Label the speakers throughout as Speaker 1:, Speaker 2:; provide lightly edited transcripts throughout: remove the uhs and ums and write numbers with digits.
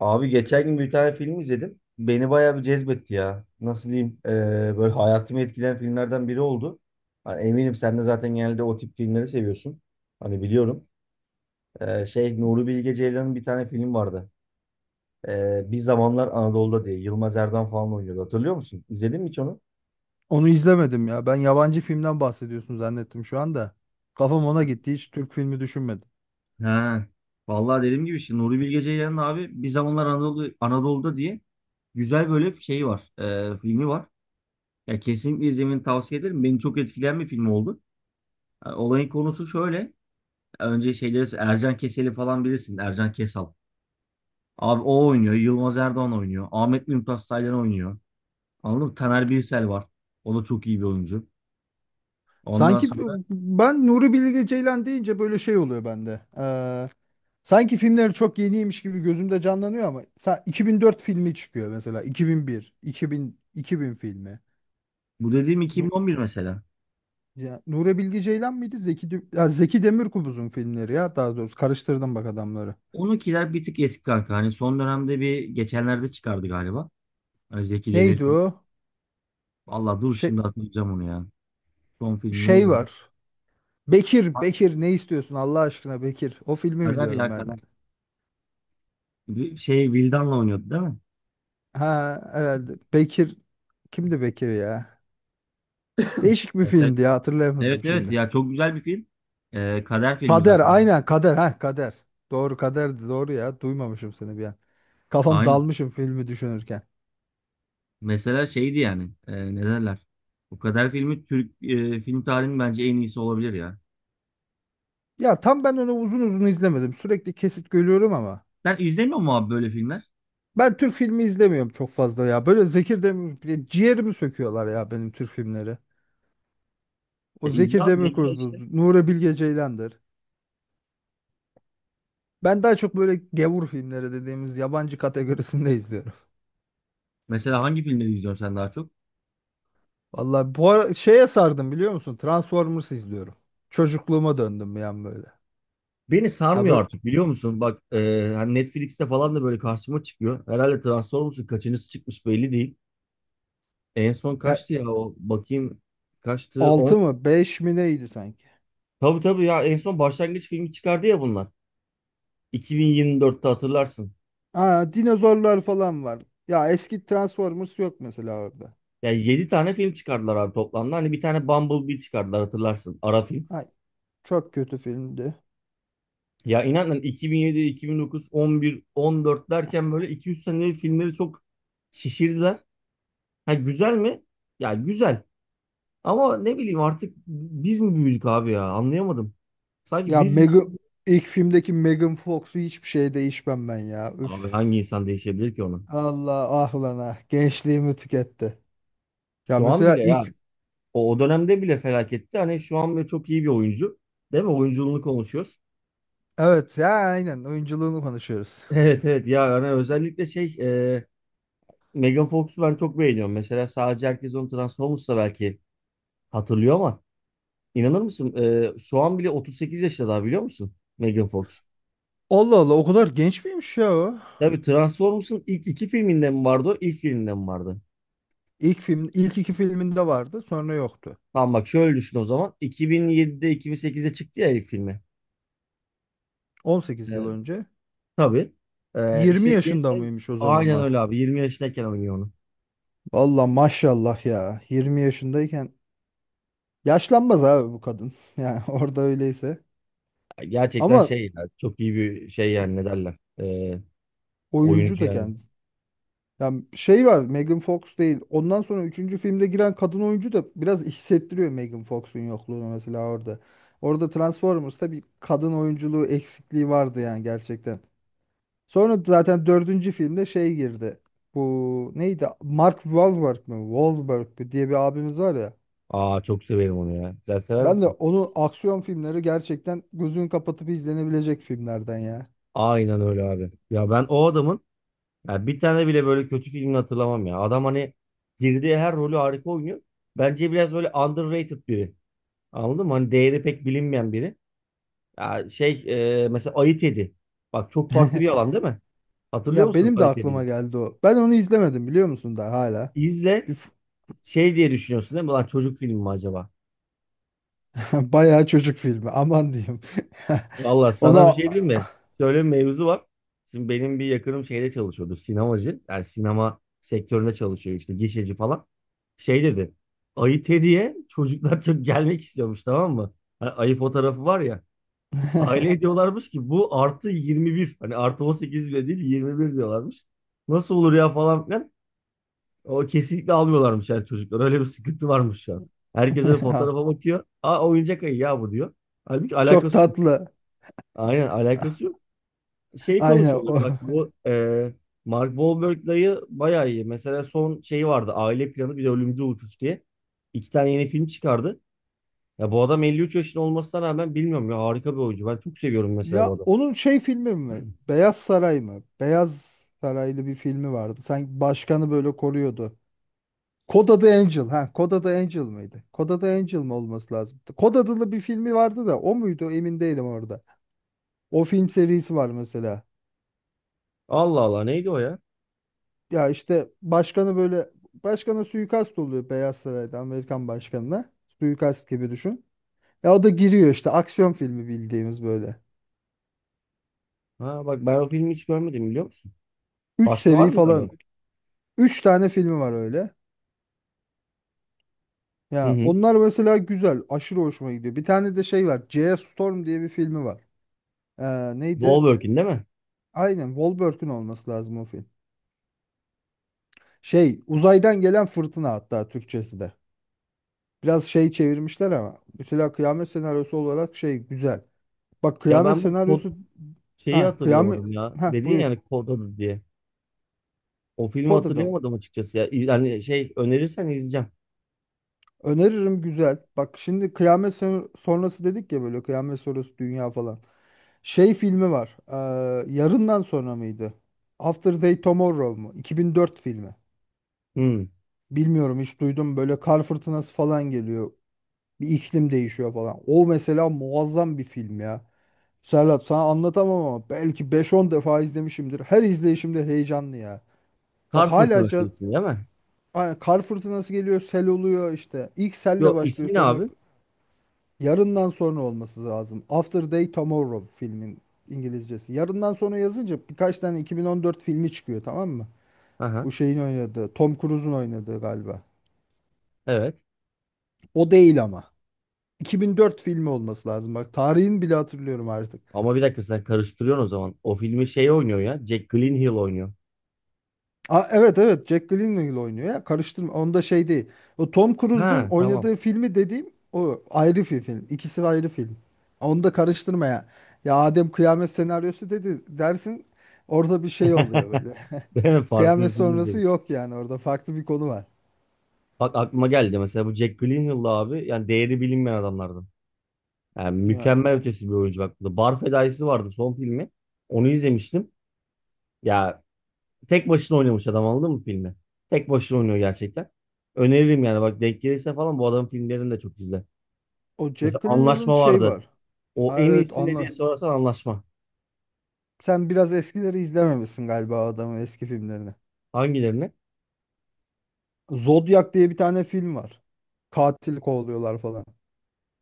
Speaker 1: Abi geçen gün bir tane film izledim. Beni bayağı bir cezbetti ya. Nasıl diyeyim? Böyle hayatımı etkileyen filmlerden biri oldu. Hani eminim sen de zaten genelde o tip filmleri seviyorsun. Hani biliyorum. Nuri Bilge Ceylan'ın bir tane film vardı. Bir Zamanlar Anadolu'da diye. Yılmaz Erdoğan falan oynuyordu. Hatırlıyor musun? İzledin mi hiç onu?
Speaker 2: Onu izlemedim ya. Ben yabancı filmden bahsediyorsun zannettim şu anda. Kafam ona gitti. Hiç Türk filmi düşünmedim.
Speaker 1: Ha. Vallahi dediğim gibi işte Nuri Bilge Ceylan'ın abi bir zamanlar Anadolu'da diye güzel böyle şey var. Filmi var. Ya kesinlikle izlemeni tavsiye ederim. Beni çok etkileyen bir film oldu. Olayın konusu şöyle. Önce şeyleri Ercan Keseli falan bilirsin. Ercan Kesal. Abi o oynuyor. Yılmaz Erdoğan oynuyor. Ahmet Mümtaz Taylan oynuyor. Anladın mı? Taner Birsel var. O da çok iyi bir oyuncu. Ondan
Speaker 2: Sanki
Speaker 1: sonra
Speaker 2: ben Nuri Bilge Ceylan deyince böyle şey oluyor bende. Sanki filmleri çok yeniymiş gibi gözümde canlanıyor ama 2004 filmi çıkıyor mesela. 2001, 2000, bin iki bin filmi.
Speaker 1: bu dediğim 2011 mesela.
Speaker 2: Ya, Nuri Bilge Ceylan mıydı? Zeki Demirkubuz'un filmleri ya daha doğrusu karıştırdım bak adamları.
Speaker 1: 12'ler bir tık eski kanka. Hani son dönemde bir geçenlerde çıkardı galiba. Hani Zeki
Speaker 2: Neydi
Speaker 1: Demirkubuz.
Speaker 2: o?
Speaker 1: Vallahi dur
Speaker 2: Şey,
Speaker 1: şimdi hatırlayacağım onu ya. Son film
Speaker 2: şey
Speaker 1: neydi onun?
Speaker 2: var. Bekir,
Speaker 1: Ha,
Speaker 2: Bekir ne istiyorsun Allah aşkına Bekir. O filmi
Speaker 1: Kader
Speaker 2: biliyorum
Speaker 1: ya
Speaker 2: ben.
Speaker 1: Kader. Bir Şey Vildan'la oynuyordu değil mi?
Speaker 2: Ha, herhalde. Bekir kimdi Bekir ya? Değişik bir
Speaker 1: Mesela-
Speaker 2: filmdi ya
Speaker 1: Evet
Speaker 2: hatırlayamadım
Speaker 1: evet
Speaker 2: şimdi.
Speaker 1: ya çok güzel bir film. Kader filmi
Speaker 2: Kader,
Speaker 1: zaten.
Speaker 2: aynen Kader, ha Kader. Doğru, Kader'di doğru ya, duymamışım seni bir an. Kafam
Speaker 1: Aynen.
Speaker 2: dalmışım filmi düşünürken.
Speaker 1: Mesela şeydi yani. E, ne derler? O kadar filmi Türk film tarihinin bence en iyisi olabilir ya.
Speaker 2: Ya tam ben onu uzun uzun izlemedim. Sürekli kesit görüyorum ama.
Speaker 1: Sen izlemiyor musun abi böyle filmler?
Speaker 2: Ben Türk filmi izlemiyorum çok fazla ya. Böyle Zekir Demir bile ciğerimi söküyorlar ya benim, Türk filmleri.
Speaker 1: Ya
Speaker 2: O
Speaker 1: izle
Speaker 2: Zekir
Speaker 1: abi ne güzel işte.
Speaker 2: Demirkubuz, Nuri Bilge Ceylan'dır. Ben daha çok böyle gevur filmleri dediğimiz yabancı kategorisinde izliyorum.
Speaker 1: Mesela hangi filmleri izliyorsun sen daha çok?
Speaker 2: Vallahi bu ara şeye sardım biliyor musun? Transformers izliyorum. Çocukluğuma döndüm yani böyle.
Speaker 1: Beni
Speaker 2: Ya
Speaker 1: sarmıyor
Speaker 2: böyle,
Speaker 1: artık biliyor musun? Bak hani Netflix'te falan da böyle karşıma çıkıyor. Herhalde Transformers'ın kaçıncısı çıkmış belli değil. En son
Speaker 2: ya
Speaker 1: kaçtı ya o bakayım kaçtı on.
Speaker 2: 6 mı 5 mi neydi sanki?
Speaker 1: Tabii tabii ya en son başlangıç filmi çıkardı ya bunlar. 2024'te hatırlarsın.
Speaker 2: Aa, dinozorlar falan var. Ya eski Transformers yok mesela orada.
Speaker 1: Ya 7 tane film çıkardılar abi toplamda. Hani bir tane Bumblebee çıkardılar hatırlarsın. Ara film.
Speaker 2: Ay çok kötü filmdi.
Speaker 1: Ya inanın 2007, 2009, 11, 14 derken böyle 2-3 sene filmleri çok şişirdiler. Ha güzel mi? Ya güzel. Ama ne bileyim artık biz mi büyüdük abi ya? Anlayamadım. Sanki
Speaker 2: Ya
Speaker 1: biz mi?
Speaker 2: İlk filmdeki Megan Fox'u hiçbir şey değişmem ben ya.
Speaker 1: Abi
Speaker 2: Üf.
Speaker 1: hangi insan değişebilir ki ona?
Speaker 2: Allah ah lan ah. Gençliğimi tüketti. Ya
Speaker 1: Şu an
Speaker 2: mesela
Speaker 1: bile ya.
Speaker 2: ilk
Speaker 1: O dönemde bile felaketti. Hani şu an bile çok iyi bir oyuncu. Değil mi? Oyunculuğunu konuşuyoruz.
Speaker 2: Evet ya, aynen, oyunculuğunu konuşuyoruz.
Speaker 1: Evet evet ya hani özellikle Megan Fox'u ben çok beğeniyorum. Mesela sadece herkes onu Transformers'ta belki hatırlıyor ama inanır mısın? Şu an bile 38 yaşında daha biliyor musun? Megan Fox.
Speaker 2: Allah Allah, o kadar genç miymiş ya o?
Speaker 1: Tabii Transformers'ın ilk iki filminde mi vardı o? İlk filminde mi vardı?
Speaker 2: İlk iki filminde vardı sonra yoktu.
Speaker 1: Tamam bak şöyle düşün o zaman. 2007'de 2008'de çıktı ya ilk filmi.
Speaker 2: 18 yıl
Speaker 1: E,
Speaker 2: önce.
Speaker 1: tabii. E,
Speaker 2: 20
Speaker 1: işte
Speaker 2: yaşında
Speaker 1: gençler-
Speaker 2: mıymış o
Speaker 1: aynen
Speaker 2: zamanlar?
Speaker 1: öyle abi. 20 yaşındayken oynuyor onu.
Speaker 2: Valla maşallah ya. 20 yaşındayken yaşlanmaz abi bu kadın. Yani orada öyleyse.
Speaker 1: Gerçekten
Speaker 2: Ama
Speaker 1: şey ya, çok iyi bir şey yani ne derler.
Speaker 2: oyuncu
Speaker 1: Oyuncu
Speaker 2: da
Speaker 1: yani.
Speaker 2: kendisi. Yani şey var, Megan Fox değil. Ondan sonra üçüncü filmde giren kadın oyuncu da biraz hissettiriyor Megan Fox'un yokluğunu mesela orada. Orada Transformers'ta bir kadın oyunculuğu eksikliği vardı yani gerçekten. Sonra zaten dördüncü filmde şey girdi. Bu neydi? Mark Wahlberg mi? Wahlberg mi diye bir abimiz var ya.
Speaker 1: Aa çok severim onu ya. Sen sever
Speaker 2: Ben de
Speaker 1: misin?
Speaker 2: onun aksiyon filmleri gerçekten gözünü kapatıp izlenebilecek filmlerden ya.
Speaker 1: Aynen öyle abi. Ya ben o adamın ya bir tane bile böyle kötü filmini hatırlamam ya. Adam hani girdiği her rolü harika oynuyor. Bence biraz böyle underrated biri. Anladın mı? Hani değeri pek bilinmeyen biri. Ya şey Mesela Ayı Tedi. Bak çok farklı bir alan değil mi? Hatırlıyor
Speaker 2: Ya
Speaker 1: musun
Speaker 2: benim de
Speaker 1: Ayı
Speaker 2: aklıma
Speaker 1: Tedi'yi?
Speaker 2: geldi o. Ben onu izlemedim biliyor musun daha hala.
Speaker 1: İzle
Speaker 2: Bir,
Speaker 1: şey diye düşünüyorsun değil mi? Lan çocuk filmi mi acaba?
Speaker 2: Bayağı çocuk filmi. Aman diyeyim.
Speaker 1: Valla sana bir
Speaker 2: Ona
Speaker 1: şey diyeyim mi? Şöyle bir mevzu var. Şimdi benim bir yakınım şeyde çalışıyordu. Sinemacı. Yani sinema sektöründe çalışıyor işte. Gişeci falan. Şey dedi. Ayı Teddy'ye çocuklar çok gelmek istiyormuş tamam mı? Hani ayı fotoğrafı var ya. Aile diyorlarmış ki bu artı 21. Hani artı 18 bile değil 21 diyorlarmış. Nasıl olur ya falan filan. O kesinlikle almıyorlarmış yani çocuklar. Öyle bir sıkıntı varmış şu an. Herkes hani fotoğrafa bakıyor. Aa oyuncak ayı ya bu diyor. Halbuki
Speaker 2: çok
Speaker 1: alakası yok.
Speaker 2: tatlı.
Speaker 1: Aynen alakası yok şey
Speaker 2: Aynen
Speaker 1: konuşuyorduk
Speaker 2: o.
Speaker 1: bak bu Mark Wahlberg dayı bayağı iyi. Mesela son şeyi vardı Aile Planı bir de Ölümcül Uçuş diye. İki tane yeni film çıkardı. Ya bu adam 53 yaşında olmasına rağmen bilmiyorum ya harika bir oyuncu. Ben çok seviyorum mesela bu
Speaker 2: Ya
Speaker 1: adamı.
Speaker 2: onun şey filmi mi? Beyaz Saray mı? Beyaz Saraylı bir filmi vardı. Sanki başkanı böyle koruyordu. Kod adı Angel. Ha, Kod adı Angel mıydı? Kod adı Angel mi olması lazım? Kod adlı bir filmi vardı da o muydu? Emin değilim orada. O film serisi var mesela.
Speaker 1: Allah Allah neydi o ya?
Speaker 2: Ya işte başkanı böyle başkana suikast oluyor Beyaz Saray'da, Amerikan başkanına. Suikast gibi düşün. Ya o da giriyor işte, aksiyon filmi bildiğimiz böyle.
Speaker 1: Ha bak ben o filmi hiç görmedim biliyor musun?
Speaker 2: Üç
Speaker 1: Başka var
Speaker 2: seri
Speaker 1: mı öyle?
Speaker 2: falan. Üç tane filmi var öyle.
Speaker 1: Hı
Speaker 2: Ya
Speaker 1: hı.
Speaker 2: onlar mesela güzel. Aşırı hoşuma gidiyor. Bir tane de şey var, J.S. Storm diye bir filmi var. Neydi?
Speaker 1: Wahlberg'in değil mi?
Speaker 2: Aynen, Wahlberg'ün olması lazım o film. Şey uzaydan gelen fırtına, hatta Türkçesi de. Biraz şey çevirmişler ama. Mesela kıyamet senaryosu olarak şey güzel. Bak,
Speaker 1: Ya
Speaker 2: kıyamet
Speaker 1: ben bak kod
Speaker 2: senaryosu,
Speaker 1: şeyi
Speaker 2: ha kıyamet,
Speaker 1: hatırlayamadım ya.
Speaker 2: ha
Speaker 1: Dedin
Speaker 2: buyur.
Speaker 1: yani kod adı diye. O filmi
Speaker 2: Kod adam.
Speaker 1: hatırlayamadım açıkçası ya. İz- Yani şey önerirsen izleyeceğim.
Speaker 2: Öneririm, güzel. Bak şimdi kıyamet sonrası dedik ya, böyle kıyamet sonrası dünya falan. Şey filmi var. Yarından sonra mıydı? After Day Tomorrow mu? 2004 filmi.
Speaker 1: Hı.
Speaker 2: Bilmiyorum, hiç duydum, böyle kar fırtınası falan geliyor. Bir iklim değişiyor falan. O mesela muazzam bir film ya. Serhat sana anlatamam ama belki beş on defa izlemişimdir. Her izleyişimde heyecanlı ya. Bak
Speaker 1: Kar
Speaker 2: hala
Speaker 1: Fırtınası ismi değil mi?
Speaker 2: aynen, kar fırtınası geliyor, sel oluyor işte. İlk selle
Speaker 1: Yo
Speaker 2: başlıyor,
Speaker 1: ismi ne
Speaker 2: sonra
Speaker 1: abi?
Speaker 2: yarından sonra olması lazım. After Day Tomorrow filmin İngilizcesi. Yarından sonra yazınca birkaç tane 2014 filmi çıkıyor tamam mı?
Speaker 1: Aha,
Speaker 2: Bu şeyin oynadığı, Tom Cruise'un oynadığı galiba.
Speaker 1: evet.
Speaker 2: O değil ama. 2004 filmi olması lazım. Bak tarihini bile hatırlıyorum artık.
Speaker 1: Ama bir dakika sen karıştırıyorsun o zaman. O filmi şey oynuyor ya. Jack Gyllenhaal oynuyor.
Speaker 2: Aa, evet evet, Jack Gyllenhaal oynuyor ya, karıştırma onda, şey değil. O Tom
Speaker 1: Ha
Speaker 2: Cruise'un
Speaker 1: tamam.
Speaker 2: oynadığı filmi dediğim o ayrı bir film. İkisi ayrı film. Onu da karıştırma ya. Ya Adem kıyamet senaryosu dedi dersin, orada bir şey oluyor böyle.
Speaker 1: Ben farklı bir
Speaker 2: Kıyamet
Speaker 1: film
Speaker 2: sonrası
Speaker 1: izleriz.
Speaker 2: yok yani, orada farklı bir konu var.
Speaker 1: Bak aklıma geldi mesela bu Jack Gyllenhaal'la abi yani değeri bilinmeyen adamlardan. Yani
Speaker 2: Ya
Speaker 1: mükemmel ötesi bir oyuncu bak. The Bar Fedaisi vardı son filmi. Onu izlemiştim. Ya tek başına oynamış adam anladın mı filmi? Tek başına oynuyor gerçekten. Öneririm yani bak denk gelirse falan bu adamın filmlerini de çok izle.
Speaker 2: o
Speaker 1: Mesela
Speaker 2: Jack Gyllenhaal'ın
Speaker 1: Anlaşma
Speaker 2: şey
Speaker 1: vardı.
Speaker 2: var.
Speaker 1: O
Speaker 2: Ha,
Speaker 1: en
Speaker 2: evet
Speaker 1: iyisi ne
Speaker 2: anla.
Speaker 1: diye sorarsan Anlaşma.
Speaker 2: Sen biraz eskileri izlememişsin galiba, adamın eski filmlerini.
Speaker 1: Hangilerini?
Speaker 2: Zodiac diye bir tane film var. Katil kovalıyorlar falan.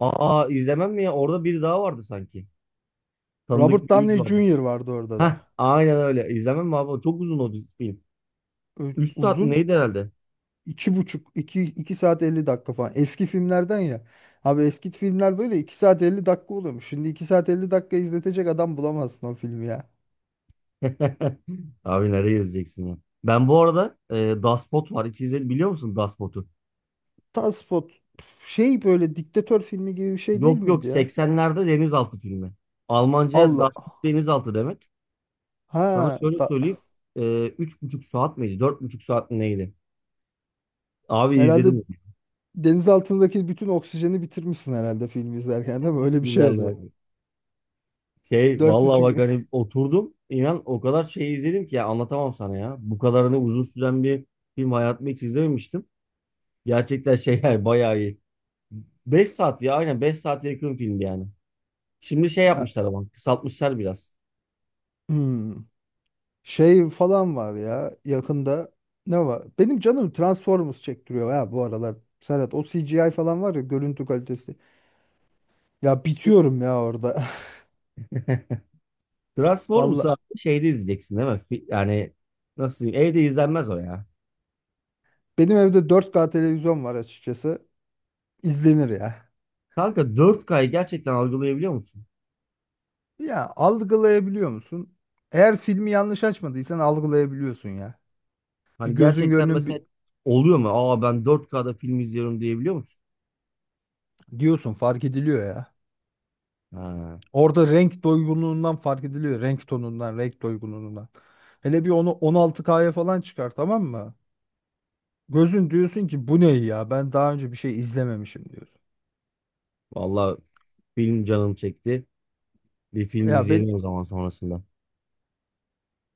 Speaker 1: Aa izlemem mi ya? Orada biri daha vardı sanki. Tanıdık
Speaker 2: Robert
Speaker 1: bir yüz
Speaker 2: Downey
Speaker 1: vardı.
Speaker 2: Jr. vardı orada da.
Speaker 1: Heh aynen öyle. İzlemem mi abi? Çok uzun o dizi- film. 3 saat
Speaker 2: Uzun.
Speaker 1: neydi herhalde?
Speaker 2: İki buçuk iki, iki saat 50 dakika falan. Eski filmlerden ya. Abi eski filmler böyle 2 saat 50 dakika oluyormuş. Şimdi 2 saat 50 dakika izletecek adam bulamazsın o filmi ya.
Speaker 1: Abi nereye yazacaksın ya? Ben bu arada Dashboot var. Hiç izledin biliyor musun Dashboot'u?
Speaker 2: Taspot, şey böyle diktatör filmi gibi bir şey değil
Speaker 1: Yok yok
Speaker 2: miydi ya?
Speaker 1: 80'lerde denizaltı filmi. Almanca
Speaker 2: Allah.
Speaker 1: Dashboot denizaltı demek. Sana
Speaker 2: Ha
Speaker 1: şöyle
Speaker 2: da,
Speaker 1: söyleyeyim. E, üç buçuk saat miydi? Dört buçuk saat mi neydi? Abi
Speaker 2: herhalde
Speaker 1: izledim onu.
Speaker 2: deniz altındaki bütün oksijeni bitirmişsin herhalde filmi izlerken, değil mi? Öyle bir şey oluyor.
Speaker 1: Güzeldi. Şey
Speaker 2: Dört
Speaker 1: vallahi
Speaker 2: buçuk...
Speaker 1: bak hani oturdum inan o kadar şey izledim ki ya anlatamam sana ya. Bu kadarını uzun süren bir film hayatımda hiç izlememiştim. Gerçekten şey yani bayağı iyi. Beş saat ya aynen 5 saate yakın film yani. Şimdi şey
Speaker 2: Ya,
Speaker 1: yapmışlar ama kısaltmışlar biraz.
Speaker 2: hmm. Şey falan var ya yakında, ne var? Benim canım Transformers çektiriyor ya bu aralar. Serhat, o CGI falan var ya, görüntü kalitesi. Ya bitiyorum ya orada. Valla
Speaker 1: Transformers'ı abi şeyde izleyeceksin değil mi? Fi- Yani nasıl diyeyim evde izlenmez o ya.
Speaker 2: benim evde 4K televizyon var açıkçası. İzlenir ya.
Speaker 1: Kanka dört kyı gerçekten algılayabiliyor musun?
Speaker 2: Ya algılayabiliyor musun? Eğer filmi yanlış açmadıysan algılayabiliyorsun ya. Bir
Speaker 1: Hani
Speaker 2: gözün
Speaker 1: gerçekten
Speaker 2: gönlün bir
Speaker 1: mesela oluyor mu? Aa ben dört kda film izliyorum diyebiliyor musun?
Speaker 2: diyorsun, fark ediliyor ya.
Speaker 1: Ha.
Speaker 2: Orada renk doygunluğundan fark ediliyor. Renk tonundan, renk doygunluğundan. Hele bir onu 16K'ya falan çıkar, tamam mı? Gözün diyorsun ki bu ne ya, ben daha önce bir şey izlememişim diyorsun.
Speaker 1: Vallahi film canım çekti. Bir film
Speaker 2: Ya ben
Speaker 1: izleyelim o zaman sonrasında.